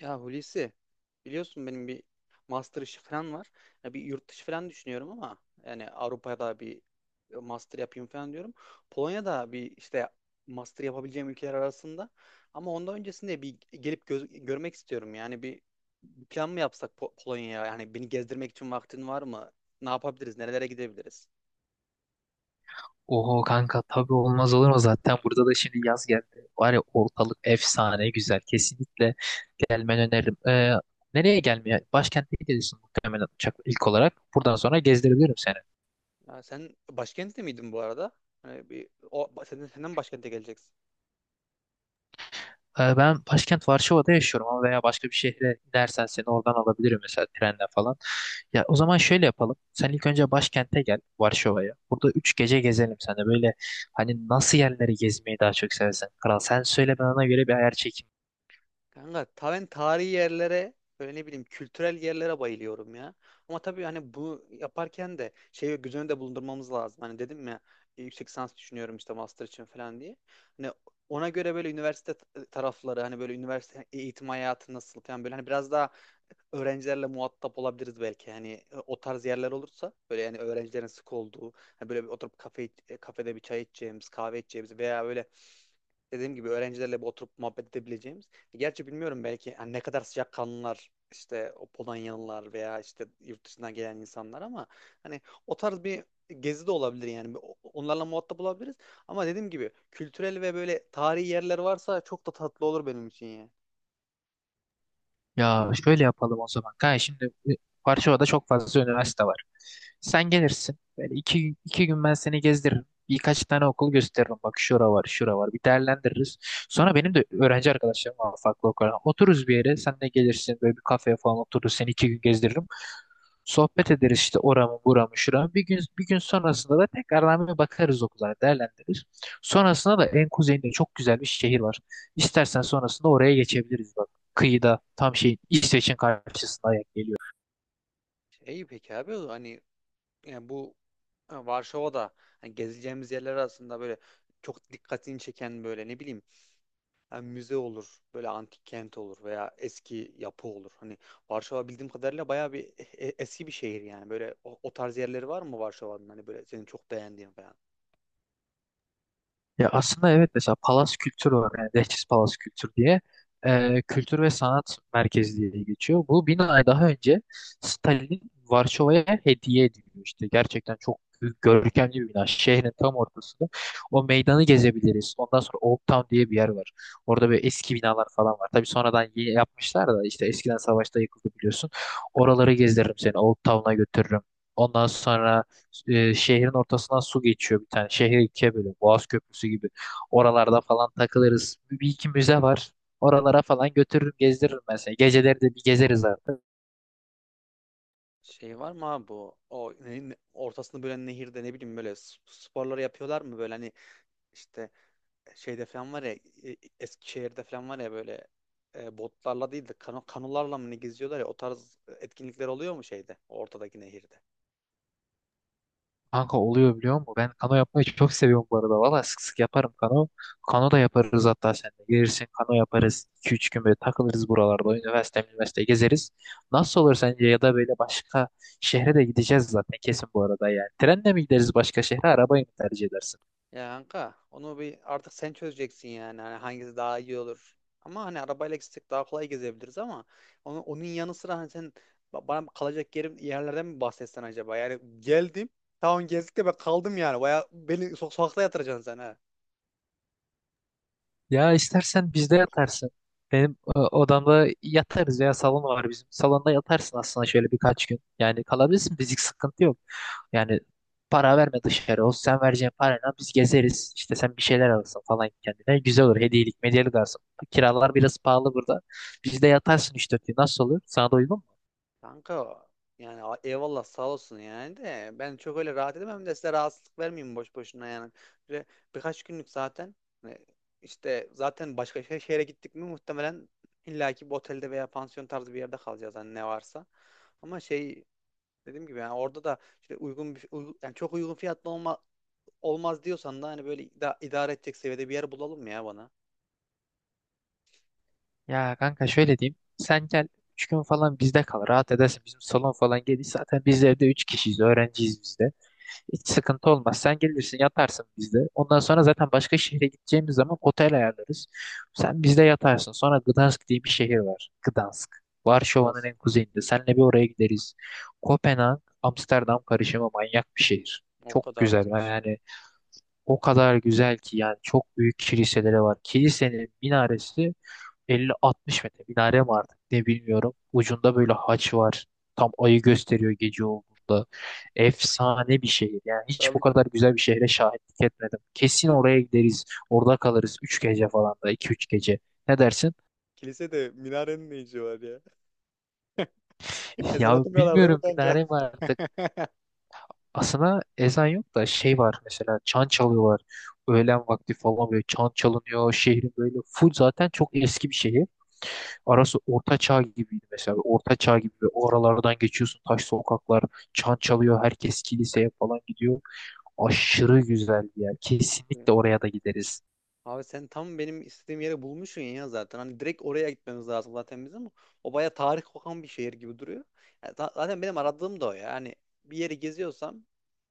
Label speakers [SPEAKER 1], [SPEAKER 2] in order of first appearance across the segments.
[SPEAKER 1] Ya Hulusi, biliyorsun benim bir master işi falan var. Ya bir yurt dışı falan düşünüyorum ama yani Avrupa'da bir master yapayım falan diyorum. Polonya'da bir işte master yapabileceğim ülkeler arasında, ama ondan öncesinde bir gelip görmek istiyorum. Yani bir plan mı yapsak Polonya'ya? Yani beni gezdirmek için vaktin var mı? Ne yapabiliriz? Nerelere gidebiliriz?
[SPEAKER 2] Oho kanka tabii olmaz olur mu zaten burada da şimdi yaz geldi. Var ya ortalık efsane güzel. Kesinlikle gelmeni öneririm. Nereye gelmeye? Başkente gidiyorsun muhtemelen uçakla ilk olarak. Buradan sonra gezdirebilirim seni.
[SPEAKER 1] Ya sen başkentte miydin bu arada? Hani bir senden başkente geleceksin.
[SPEAKER 2] Ben başkent Varşova'da yaşıyorum ama veya başka bir şehre inersen seni oradan alabilirim mesela trenle falan. Ya o zaman şöyle yapalım. Sen ilk önce başkente gel Varşova'ya. Burada 3 gece gezelim sen de böyle hani nasıl yerleri gezmeyi daha çok seversen. Kral sen söyle ben ona göre bir ayar çekeyim.
[SPEAKER 1] Kanka ben tarihi yerlere, böyle ne bileyim, kültürel yerlere bayılıyorum ya. Ama tabii hani bu yaparken de şeyi göz önünde bulundurmamız lazım. Hani dedim ya, yüksek lisans düşünüyorum işte master için falan diye. Hani ona göre böyle üniversite tarafları, hani böyle üniversite eğitim hayatı nasıl falan, böyle hani biraz daha öğrencilerle muhatap olabiliriz belki. Hani o tarz yerler olursa, böyle yani öğrencilerin sık olduğu, hani böyle bir oturup kafede bir çay içeceğimiz, kahve içeceğimiz veya böyle dediğim gibi öğrencilerle bir oturup muhabbet edebileceğimiz. Gerçi bilmiyorum, belki hani ne kadar sıcakkanlılar işte o Polonyalılar veya işte yurt dışından gelen insanlar, ama hani o tarz bir gezi de olabilir yani. Onlarla muhatap olabiliriz. Ama dediğim gibi kültürel ve böyle tarihi yerler varsa çok da tatlı olur benim için yani.
[SPEAKER 2] Ya şöyle yapalım o zaman. Kanka şimdi Varşova'da çok fazla üniversite var. Sen gelirsin. Böyle iki gün ben seni gezdiririm. Birkaç tane okul gösteririm. Bak şura var, şura var. Bir değerlendiririz. Sonra benim de öğrenci arkadaşlarım var farklı okullardan. Otururuz bir yere. Sen de gelirsin. Böyle bir kafeye falan otururuz. Seni 2 gün gezdiririm. Sohbet ederiz işte oramı buramı şuramı. Bir gün sonrasında da tekrardan bir bakarız okullara değerlendiririz. Sonrasında da en kuzeyinde çok güzel bir şehir var. İstersen sonrasında oraya geçebiliriz bak. Kıyıda tam şeyin İsveç'in karşısına geliyor.
[SPEAKER 1] İyi, peki abi, hani yani bu Varşova'da hani gezeceğimiz yerler arasında böyle çok dikkatini çeken böyle ne bileyim. Yani müze olur, böyle antik kent olur veya eski yapı olur. Hani Varşova bildiğim kadarıyla bayağı bir eski bir şehir yani. Böyle o tarz yerleri var mı Varşova'nın? Hani böyle senin çok beğendiğin falan.
[SPEAKER 2] Ya aslında evet mesela Palas Kültür var yani Leftis Palas Kültür diye, kültür ve sanat merkezi diye geçiyor. Bu binayı daha önce Stalin Varşova'ya hediye ediliyor, işte gerçekten çok görkemli bir bina şehrin tam ortasında. O meydanı gezebiliriz. Ondan sonra Old Town diye bir yer var, orada böyle eski binalar falan var. Tabii sonradan yeni yapmışlar da işte, eskiden savaşta yıkıldı biliyorsun. Oraları gezdiririm seni, Old Town'a götürürüm. Ondan sonra şehrin ortasından su geçiyor bir tane. Şehri ikiye böyle, Boğaz Köprüsü gibi. Oralarda falan takılırız. Bir iki müze var. Oralara falan götürürüm gezdiririm mesela seni. Geceleri de bir gezeriz artık.
[SPEAKER 1] Şey var mı abi bu? Ortasını bölen nehirde, ne bileyim, böyle sporları yapıyorlar mı? Böyle hani işte şeyde falan var ya, Eskişehir'de falan var ya, böyle botlarla değil de kanolarla mı ne geziyorlar ya, o tarz etkinlikler oluyor mu şeyde, ortadaki nehirde?
[SPEAKER 2] Kanka oluyor biliyor musun? Ben kano yapmayı çok seviyorum bu arada. Valla sık sık yaparım kano. Kano da yaparız hatta seninle. Gelirsin kano yaparız. 2-3 gün böyle takılırız buralarda. Üniversite, üniversite gezeriz. Nasıl olur sence? Ya da böyle başka şehre de gideceğiz zaten kesin bu arada yani. Trenle mi gideriz başka şehre? Arabayı mı tercih edersin?
[SPEAKER 1] Ya kanka, onu bir artık sen çözeceksin yani, hani hangisi daha iyi olur. Ama hani arabayla gitsek daha kolay gezebiliriz, ama onun yanı sıra hani sen bana kalacak yerlerden mi bahsetsen acaba? Yani geldim, tamam, gezdik de ben kaldım yani. Baya beni sokakta yatıracaksın sen ha.
[SPEAKER 2] Ya istersen bizde yatarsın. Benim odamda yatarız, ya salon var bizim. Salonda yatarsın aslında şöyle birkaç gün. Yani kalabilirsin, fizik sıkıntı yok. Yani para verme dışarı. O sen vereceğin parayla biz gezeriz. İşte sen bir şeyler alırsın falan kendine. Güzel olur. Hediyelik medyelik alırsın. Kiralar biraz pahalı burada. Bizde yatarsın üç dört gün. Nasıl olur? Sana da uygun mu?
[SPEAKER 1] Kanka yani, eyvallah sağ olsun yani, de ben çok öyle rahat edemem de, size rahatsızlık vermeyeyim boş boşuna yani. Böyle birkaç günlük zaten, e, işte zaten başka şehre gittik mi muhtemelen illaki bir otelde veya pansiyon tarzı bir yerde kalacağız, hani ne varsa. Ama şey, dediğim gibi yani orada da işte uygun bir yani çok uygun olmaz diyorsan da hani böyle idare edecek seviyede bir yer bulalım ya bana.
[SPEAKER 2] Ya kanka şöyle diyeyim. Sen gel 3 gün falan bizde kal. Rahat edersin. Bizim salon falan geniş. Zaten biz evde 3 kişiyiz. Öğrenciyiz biz de. Hiç sıkıntı olmaz. Sen gelirsin yatarsın bizde. Ondan sonra zaten başka şehre gideceğimiz zaman otel ayarlarız. Sen bizde yatarsın. Sonra Gdansk diye bir şehir var. Gdansk. Varşova'nın
[SPEAKER 1] Biraz.
[SPEAKER 2] en kuzeyinde. Seninle bir oraya gideriz. Kopenhag, Amsterdam karışımı manyak bir şehir.
[SPEAKER 1] O
[SPEAKER 2] Çok
[SPEAKER 1] kadar
[SPEAKER 2] güzel.
[SPEAKER 1] diyorsun.
[SPEAKER 2] Yani o kadar güzel ki, yani çok büyük kiliseleri var. Kilisenin minaresi 50-60 metre, minare mi artık ne bilmiyorum. Ucunda böyle haç var. Tam ayı gösteriyor gece olduğunda. Efsane bir şehir. Yani hiç bu
[SPEAKER 1] Abi,
[SPEAKER 2] kadar güzel bir şehre şahitlik etmedim. Kesin
[SPEAKER 1] kili-
[SPEAKER 2] oraya gideriz. Orada kalırız 3 gece falan, da iki üç gece. Ne dersin?
[SPEAKER 1] kilise de minarenin ne işi var ya? Ezan
[SPEAKER 2] Ya
[SPEAKER 1] atmıyorlar değil mi
[SPEAKER 2] bilmiyorum,
[SPEAKER 1] kanka?
[SPEAKER 2] minare mi artık. Aslında ezan yok da şey var mesela, çan çalıyorlar. Öğlen vakti falan böyle çan çalınıyor. Şehrin böyle full, zaten çok eski bir şehir. Arası orta çağ gibiydi mesela. Orta çağ gibi ve o aralardan geçiyorsun. Taş sokaklar, çan çalıyor. Herkes kiliseye falan gidiyor. Aşırı güzel bir yer. Kesinlikle oraya da gideriz.
[SPEAKER 1] Abi sen tam benim istediğim yere bulmuşsun ya zaten. Hani direkt oraya gitmemiz lazım zaten bizim, o baya tarih kokan bir şehir gibi duruyor. Yani zaten benim aradığım da o ya. Hani bir yeri geziyorsam,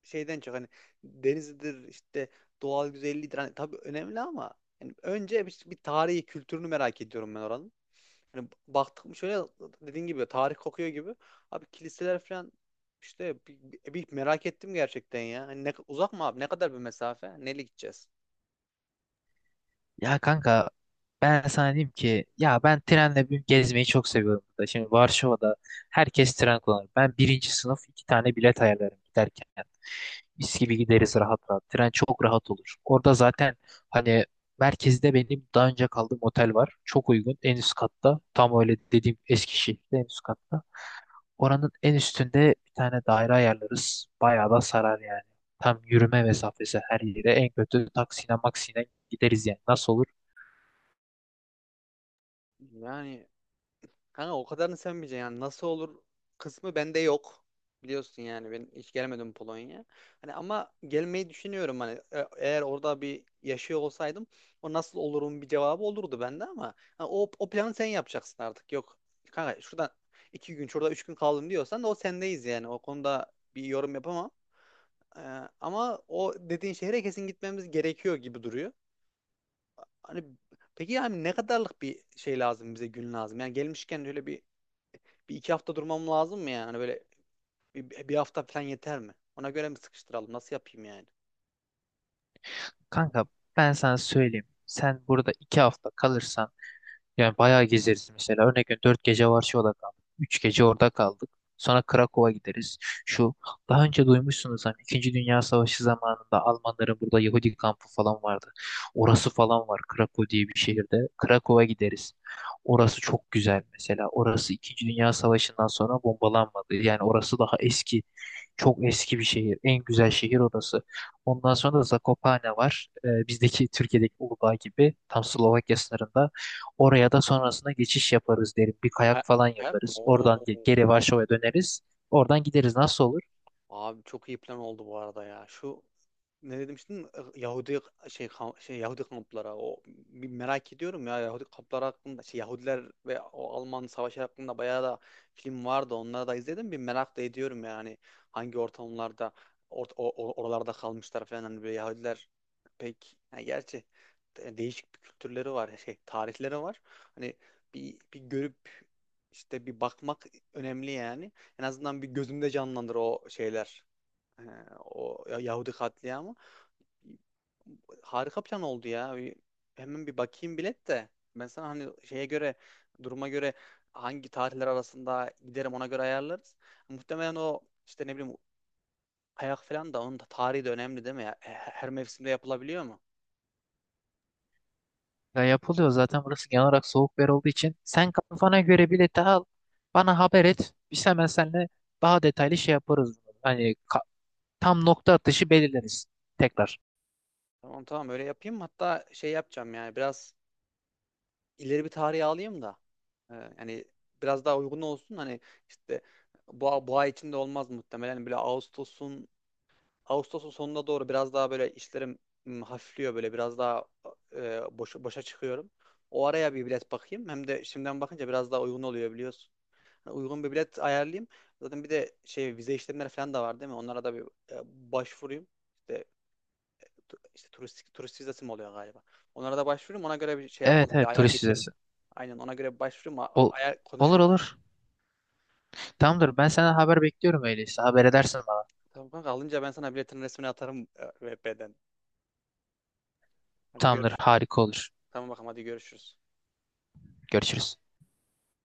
[SPEAKER 1] şeyden çok hani denizidir, işte doğal güzelliğidir. Hani tabii önemli, ama yani önce bir tarihi, kültürünü merak ediyorum ben oranın. Hani baktık mı, şöyle dediğin gibi tarih kokuyor gibi. Abi kiliseler falan, işte merak ettim gerçekten ya. Hani ne, uzak mı abi? Ne kadar bir mesafe? Neyle gideceğiz?
[SPEAKER 2] Ya kanka ben sana diyeyim ki, ya ben trenle bir gezmeyi çok seviyorum burada. Şimdi Varşova'da herkes tren kullanır. Ben birinci sınıf 2 tane bilet ayarlarım giderken. Mis gibi gideriz rahat rahat. Tren çok rahat olur. Orada zaten hani merkezde benim daha önce kaldığım otel var. Çok uygun. En üst katta. Tam öyle dediğim Eskişehir'de, en üst katta. Oranın en üstünde bir tane daire ayarlarız. Bayağı da sarar yani. Tam yürüme mesafesi her yere. En kötü taksiyle maksiyle gideriz yani. Nasıl olur?
[SPEAKER 1] Yani kanka, o kadarını sevmeyeceksin yani, nasıl olur kısmı bende yok. Biliyorsun yani ben hiç gelemedim Polonya. Hani ama gelmeyi düşünüyorum. Hani eğer orada bir yaşıyor olsaydım, o nasıl olurum bir cevabı olurdu bende, ama ha, o planı sen yapacaksın artık. Yok kanka, şurada iki gün, şurada üç gün kaldım diyorsan da o sendeyiz yani, o konuda bir yorum yapamam. Ee, Ama o dediğin şehre kesin gitmemiz gerekiyor gibi duruyor. Hani peki, yani ne kadarlık bir şey lazım bize, gün lazım? Yani gelmişken öyle bir bir iki hafta durmam lazım mı yani? Hani böyle bir hafta falan yeter mi? Ona göre mi sıkıştıralım? Nasıl yapayım yani?
[SPEAKER 2] Kanka ben sana söyleyeyim. Sen burada 2 hafta kalırsan yani bayağı gezeriz mesela. Örnek veriyorum, 4 gece Varşova'da kaldık. 3 gece orada kaldık. Sonra Krakow'a gideriz. Şu daha önce duymuşsunuz hani, İkinci Dünya Savaşı zamanında Almanların burada Yahudi kampı falan vardı. Orası falan var Krakow diye bir şehirde. Krakow'a gideriz. Orası çok güzel mesela. Orası İkinci Dünya Savaşı'ndan sonra bombalanmadı. Yani orası daha eski. Çok eski bir şehir. En güzel şehir orası. Ondan sonra da Zakopane var. Bizdeki Türkiye'deki Uludağ gibi, tam Slovakya sınırında. Oraya da sonrasında geçiş yaparız derim. Bir kayak
[SPEAKER 1] Kayak,
[SPEAKER 2] falan
[SPEAKER 1] Kayak mı?
[SPEAKER 2] yaparız.
[SPEAKER 1] Oo.
[SPEAKER 2] Oradan geri Varşova'ya döneriz. Oradan gideriz. Nasıl olur?
[SPEAKER 1] Abi çok iyi plan oldu bu arada ya. Şu ne demiştin? Yahudi Yahudi kampları. O bir merak ediyorum ya, Yahudi kampları hakkında, şey, Yahudiler ve o Alman savaşı hakkında bayağı da film vardı. Onları da izledim. Bir merak da ediyorum yani hangi ortamlarda, oralarda kalmışlar falan, hani böyle Yahudiler pek yani, gerçi değişik bir kültürleri var, şey, tarihleri var. Hani bir bir görüp, işte bir bakmak önemli yani. En azından bir gözümde canlandır o şeyler. Ee, O Yahudi katliamı. Harika plan oldu ya. Hemen bir bakayım bilet de. Ben sana hani duruma göre hangi tarihler arasında giderim, ona göre ayarlarız. Muhtemelen o işte, ne bileyim, kayak falan da, onun da tarihi de önemli değil mi ya? Her her mevsimde yapılabiliyor mu?
[SPEAKER 2] Ya yapılıyor zaten, burası genel olarak soğuk bir yer olduğu için. Sen kafana göre bileti al. Bana haber et. Biz hemen seninle daha detaylı şey yaparız. Tam nokta atışı belirleriz. Tekrar.
[SPEAKER 1] Tamam tamam, öyle yapayım. Hatta şey yapacağım yani, biraz ileri bir tarihe alayım da. Ee, Yani biraz daha uygun olsun. Hani işte bu ay içinde olmaz muhtemelen. Böyle Ağustos'un sonuna doğru biraz daha böyle işlerim hafifliyor, böyle biraz daha boşa çıkıyorum. O araya bir bilet bakayım. Hem de şimdiden bakınca biraz daha uygun oluyor biliyorsun. Yani uygun bir bilet ayarlayayım. Zaten bir de şey, vize işlemleri falan da var değil mi? Onlara da bir e, başvurayım. İşte, turist vizesi mi oluyor galiba? Onlara da başvurayım. Ona göre bir şey
[SPEAKER 2] Evet
[SPEAKER 1] yapalım. Bir
[SPEAKER 2] evet,
[SPEAKER 1] ayar
[SPEAKER 2] turist
[SPEAKER 1] geçelim.
[SPEAKER 2] vizesi.
[SPEAKER 1] Aynen, ona göre bir başvurayım.
[SPEAKER 2] Ol-
[SPEAKER 1] Ayar
[SPEAKER 2] olur
[SPEAKER 1] konuşuruz ama.
[SPEAKER 2] olur. Tamamdır. Ben senden haber bekliyorum öyleyse. Haber edersin bana.
[SPEAKER 1] Tamam kanka, alınca ben sana biletin resmini atarım VP'den. Hadi
[SPEAKER 2] Tamamdır.
[SPEAKER 1] görüşürüz.
[SPEAKER 2] Harika olur.
[SPEAKER 1] Tamam bakalım, hadi görüşürüz.
[SPEAKER 2] Görüşürüz.